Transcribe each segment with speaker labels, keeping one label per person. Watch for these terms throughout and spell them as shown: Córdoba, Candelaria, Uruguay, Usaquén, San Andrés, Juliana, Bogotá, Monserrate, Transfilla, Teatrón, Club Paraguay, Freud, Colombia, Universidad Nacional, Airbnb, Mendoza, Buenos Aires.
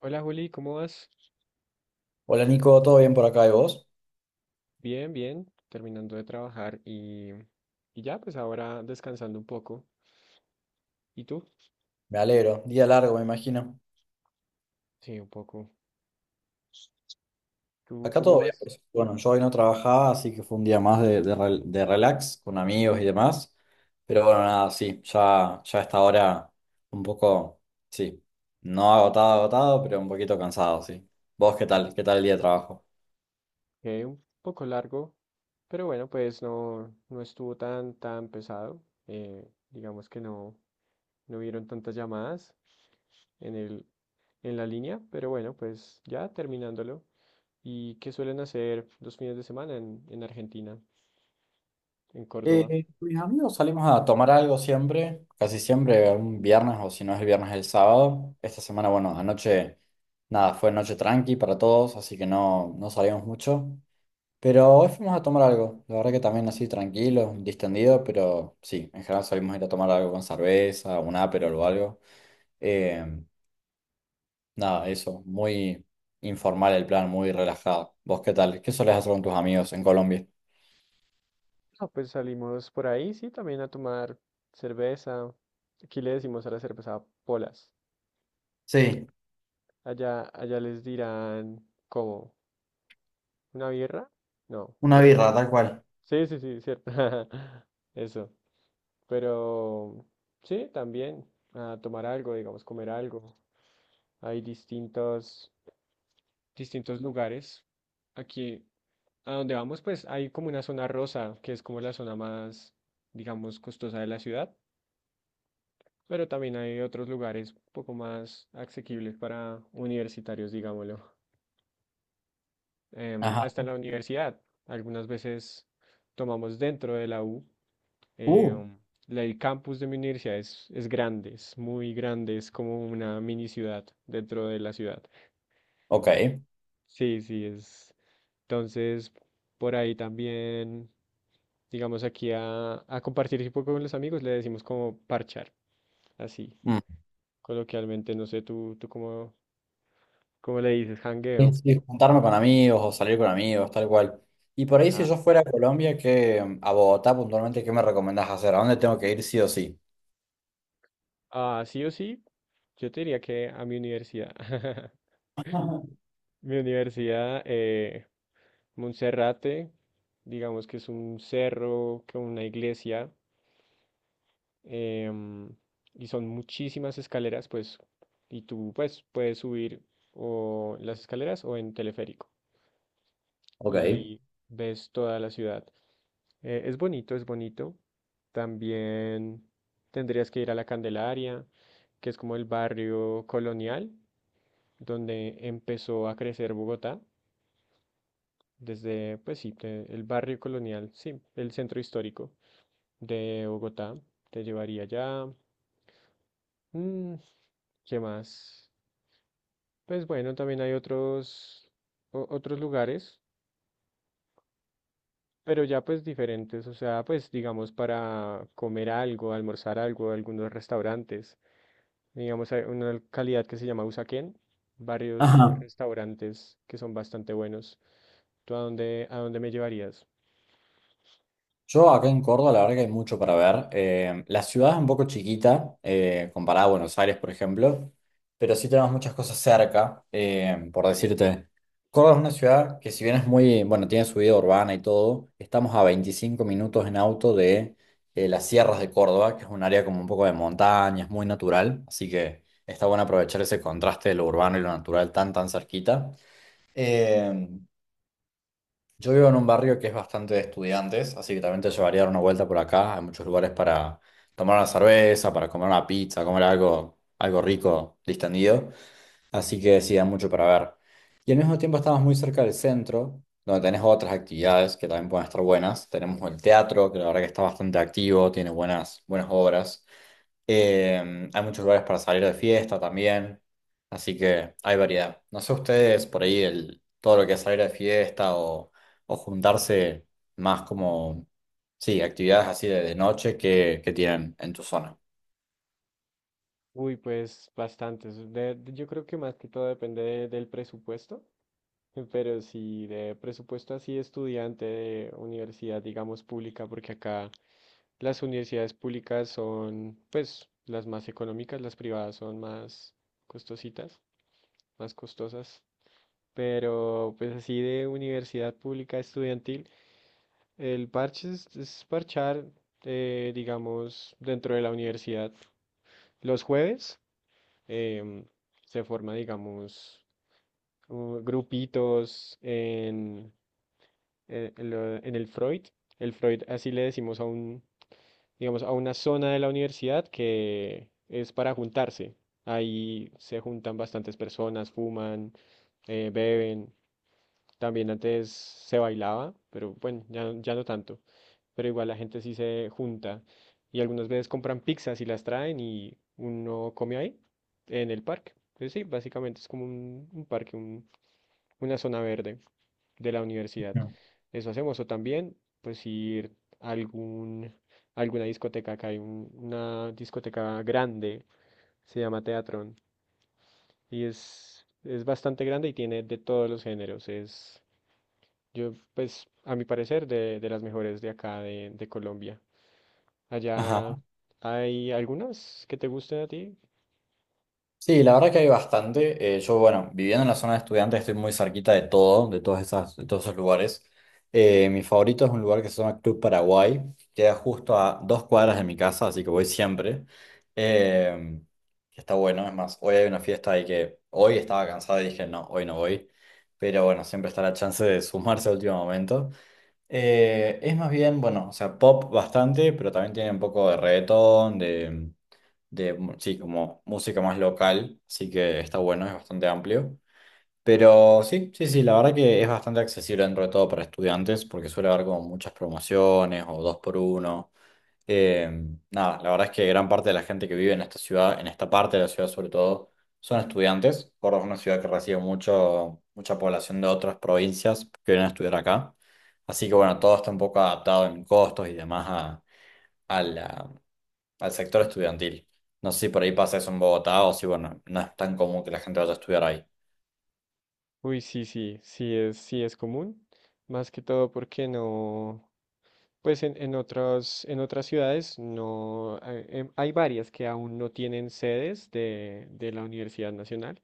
Speaker 1: Hola Juli, ¿cómo vas?
Speaker 2: Hola Nico, ¿todo bien por acá y vos?
Speaker 1: Bien, bien, terminando de trabajar y ya, pues ahora descansando un poco. ¿Y tú?
Speaker 2: Me alegro, día largo me imagino.
Speaker 1: Sí, un poco. ¿Tú
Speaker 2: Acá
Speaker 1: cómo
Speaker 2: todo bien, por
Speaker 1: vas?
Speaker 2: suerte. Bueno, yo hoy no trabajaba, así que fue un día más de relax con amigos y demás. Pero bueno, nada, sí, ya a esta hora un poco, sí, no agotado, agotado, pero un poquito cansado, sí. ¿Vos qué tal? ¿Qué tal el día de trabajo?
Speaker 1: Un poco largo, pero bueno, pues no, no estuvo tan pesado. Digamos que no, no hubieron tantas llamadas en el, en la línea, pero bueno, pues ya terminándolo. ¿Y qué suelen hacer los fines de semana en Argentina, en Córdoba?
Speaker 2: Mis amigos salimos a tomar algo siempre, casi siempre, un viernes o si no es el viernes, el sábado. Esta semana, bueno, anoche, nada, fue noche tranqui para todos, así que no, no salimos mucho. Pero hoy fuimos a tomar algo, la verdad que también así tranquilo, distendido, pero sí, en general salimos a ir a tomar algo con cerveza, un aperol o algo. Eh, Nada, eso, muy informal el plan, muy relajado. ¿Vos qué tal? ¿Qué solés hacer con tus amigos en Colombia?
Speaker 1: No, pues salimos por ahí, sí, también a tomar cerveza. Aquí le decimos a la cerveza polas.
Speaker 2: Sí,
Speaker 1: Allá les dirán, ¿cómo? ¿Una birra? No.
Speaker 2: una birra, tal cual.
Speaker 1: Sí, sí, sí, cierto. Eso. Pero sí, también a tomar algo, digamos, comer algo. Hay distintos, Distintos lugares. Aquí, a donde vamos, pues hay como una zona rosa, que es como la zona más, digamos, costosa de la ciudad. Pero también hay otros lugares un poco más asequibles para universitarios, digámoslo.
Speaker 2: Ajá.
Speaker 1: Hasta en la universidad, algunas veces tomamos dentro de la U.
Speaker 2: Uh,
Speaker 1: em, el campus de mi universidad es grande, es muy grande, es como una mini ciudad dentro de la ciudad.
Speaker 2: Ok.
Speaker 1: Sí, sí, es. Entonces, por ahí también, digamos, aquí a compartir un poco con los amigos, le decimos como parchar, así,
Speaker 2: Mm.
Speaker 1: coloquialmente, no sé, tú cómo le dices,
Speaker 2: Sí,
Speaker 1: jangueo.
Speaker 2: sí, juntarme con amigos o salir con amigos, tal cual. Y por ahí, si
Speaker 1: Ah,
Speaker 2: yo fuera a Colombia, que a Bogotá puntualmente, ¿qué me recomendás hacer? ¿A dónde tengo que ir sí o sí?
Speaker 1: ah, sí o sí, yo te diría que a mi universidad. Mi universidad, Monserrate, digamos que es un cerro con una iglesia em, y son muchísimas escaleras, pues, y tú pues puedes subir o en las escaleras o en teleférico
Speaker 2: Ok.
Speaker 1: y ves toda la ciudad. Es bonito, es bonito. También tendrías que ir a la Candelaria, que es como el barrio colonial, donde empezó a crecer Bogotá, desde, pues sí, el barrio colonial, sí, el centro histórico de Bogotá, te llevaría allá. Mm, ¿qué más? Pues bueno, también hay otros lugares, pero ya pues diferentes, o sea, pues digamos para comer algo, almorzar algo, algunos restaurantes, digamos hay una localidad que se llama Usaquén, varios
Speaker 2: Ajá.
Speaker 1: restaurantes que son bastante buenos. ¿Tú a dónde me llevarías?
Speaker 2: Yo acá en Córdoba, la verdad que hay mucho para ver. La ciudad es un poco chiquita, comparada a Buenos Aires, por ejemplo, pero sí tenemos muchas cosas cerca, por decirte. Córdoba es una ciudad que si bien es muy, bueno, tiene su vida urbana y todo, estamos a 25 minutos en auto de las sierras de Córdoba, que es un área como un poco de montaña, es muy natural, así que está bueno aprovechar ese contraste de lo urbano y lo natural tan, tan cerquita. Em, yo vivo en un barrio que es bastante de estudiantes, así que también te llevaría a dar una vuelta por acá. Hay muchos lugares para tomar una cerveza, para comer una pizza, comer algo, algo rico, distendido. Así que sí, hay mucho para ver. Y al mismo tiempo estamos muy cerca del centro, donde tenés otras actividades que también pueden estar buenas. Tenemos el teatro, que la verdad que está bastante activo, tiene buenas, buenas obras. Hay muchos lugares para salir de fiesta también, así que hay variedad. No sé ustedes por ahí todo lo que es salir de fiesta o juntarse más como, sí, actividades así de noche que tienen en tu zona.
Speaker 1: Uy, pues bastantes. Yo creo que más que todo depende del presupuesto, pero si de presupuesto así estudiante de universidad, digamos, pública, porque acá las universidades públicas son, pues, las más económicas, las privadas son más costositas, más costosas, pero pues así de universidad pública estudiantil, el parche es parchar, digamos, dentro de la universidad. Los jueves. em, Se forma, digamos, grupitos en el Freud. El Freud, así le decimos a un, digamos, a una zona de la universidad que es para juntarse. Ahí se juntan bastantes personas, fuman, beben. También antes se bailaba, pero bueno, ya, ya no tanto. Pero igual la gente sí se junta y algunas veces compran pizzas y las traen y uno come ahí, en el parque. Entonces sí, básicamente es como un parque, una zona verde de la universidad.
Speaker 2: No.
Speaker 1: Eso hacemos o también, pues ir a algún, alguna discoteca. Acá hay una discoteca grande, se llama Teatrón y es bastante grande y tiene de todos los géneros. Es yo, pues, a mi parecer, de las mejores de acá, de Colombia.
Speaker 2: Ajá.
Speaker 1: Allá hay algunas que te gusten a ti.
Speaker 2: Sí, la verdad que hay bastante. Yo, bueno, viviendo en la zona de estudiantes estoy muy cerquita de todo, de todas esas, de todos esos lugares. Mi favorito es un lugar que se llama Club Paraguay, queda justo a 2 cuadras de mi casa, así que voy siempre. Eh, que está bueno, es más, hoy hay una fiesta ahí que hoy estaba cansado y dije, no, hoy no voy. Pero bueno, siempre está la chance de sumarse al último momento. Es más bien, bueno, o sea, pop bastante, pero también tiene un poco de reggaetón, sí, como música más local, así que está bueno, es bastante amplio. Pero sí, sí, sí, la verdad que es bastante accesible dentro de todo para estudiantes, porque suele haber como muchas promociones o dos por uno. Eh, Nada, la verdad es que gran parte de la gente que vive en esta ciudad, en esta parte de la ciudad sobre todo, son estudiantes. Córdoba es una ciudad que recibe mucho, mucha población de otras provincias que vienen a estudiar acá. Así que bueno, todo está un poco adaptado en costos y demás a, a la- al sector estudiantil. No sé si por ahí pasa eso en Bogotá o si, bueno, no es tan común que la gente vaya a estudiar ahí.
Speaker 1: Uy, sí, sí, sí es común. Más que todo porque no, pues en otras ciudades no, hay, hay varias que aún no tienen sedes de la Universidad Nacional.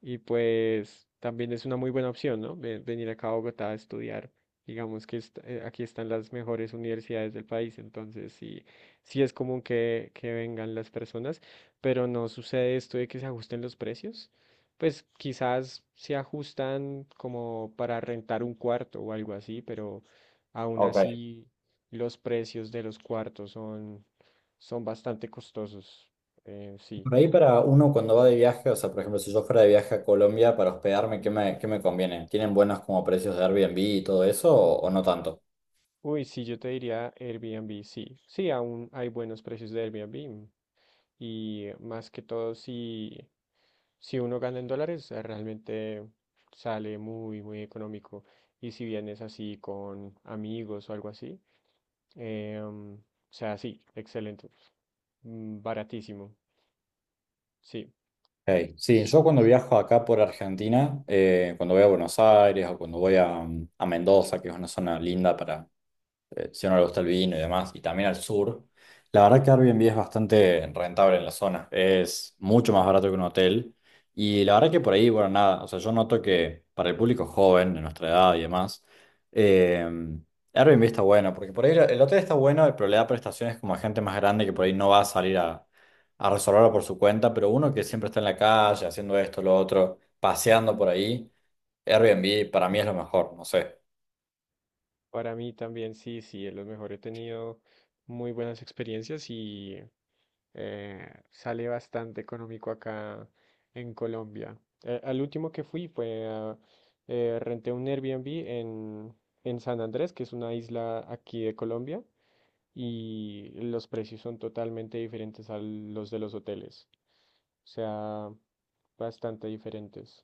Speaker 1: Y pues también es una muy buena opción, ¿no? Venir acá a Bogotá a estudiar. Digamos que aquí están las mejores universidades del país, entonces sí, sí es común que vengan las personas, pero no sucede esto de que se ajusten los precios. Pues quizás se ajustan como para rentar un cuarto o algo así, pero aún
Speaker 2: Ok.
Speaker 1: así los precios de los cuartos son bastante costosos. Sí.
Speaker 2: Por ahí para uno cuando va de viaje, o sea, por ejemplo, si yo fuera de viaje a Colombia para hospedarme, ¿qué me conviene? ¿Tienen buenos como precios de Airbnb y todo eso o no tanto?
Speaker 1: Uy, sí, yo te diría Airbnb, sí. Sí, aún hay buenos precios de Airbnb. Y más que todo, si uno gana en dólares, realmente sale muy, muy económico. Y si vienes así con amigos o algo así, o sea, sí, excelente. Mm, baratísimo, sí.
Speaker 2: Hey, sí,
Speaker 1: Es-
Speaker 2: yo cuando viajo acá por Argentina, cuando voy a Buenos Aires o cuando voy a, a Mendoza, que es una zona linda para, si a uno le gusta el vino y demás, y también al sur. La verdad que Airbnb es bastante rentable en la zona, es mucho más barato que un hotel. Y la verdad que por ahí, bueno, nada, o sea, yo noto que para el público joven, de nuestra edad y demás, eh, Airbnb está bueno, porque por ahí el hotel está bueno, pero le da prestaciones como a gente más grande que por ahí no va a salir a, resolverlo por su cuenta, pero uno que siempre está en la calle haciendo esto, lo otro, paseando por ahí, Airbnb para mí es lo mejor, no sé.
Speaker 1: Para mí también, sí, sí, es lo mejor. He tenido muy buenas experiencias Sale bastante económico acá en Colombia. Al último que fui fue renté un Airbnb en San Andrés, que es una isla aquí de Colombia, y los precios son totalmente diferentes a los de los hoteles. O sea, bastante diferentes.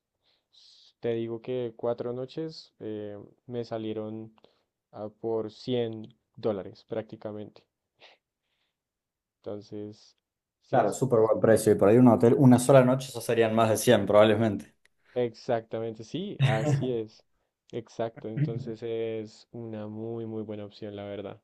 Speaker 1: Te digo que 4 noches me salieron por $100 prácticamente. Entonces, sí
Speaker 2: Claro,
Speaker 1: es,
Speaker 2: súper buen precio. Y por ahí un hotel, una sola noche, ya serían más de 100 probablemente.
Speaker 1: exactamente, sí, así es. Exacto, entonces es una muy, muy buena opción, la verdad.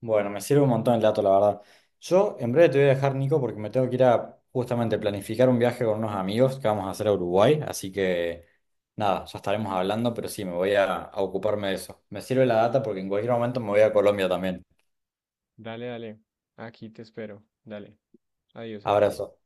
Speaker 2: Bueno, me sirve un montón el dato, la verdad. Yo en breve te voy a dejar, Nico, porque me tengo que ir a justamente planificar un viaje con unos amigos que vamos a hacer a Uruguay. Así que nada, ya estaremos hablando, pero sí, me voy a, ocuparme de eso. Me sirve la data porque en cualquier momento me voy a Colombia también.
Speaker 1: Dale, dale, aquí te espero. Dale, adiós, adiós.
Speaker 2: Abrazo.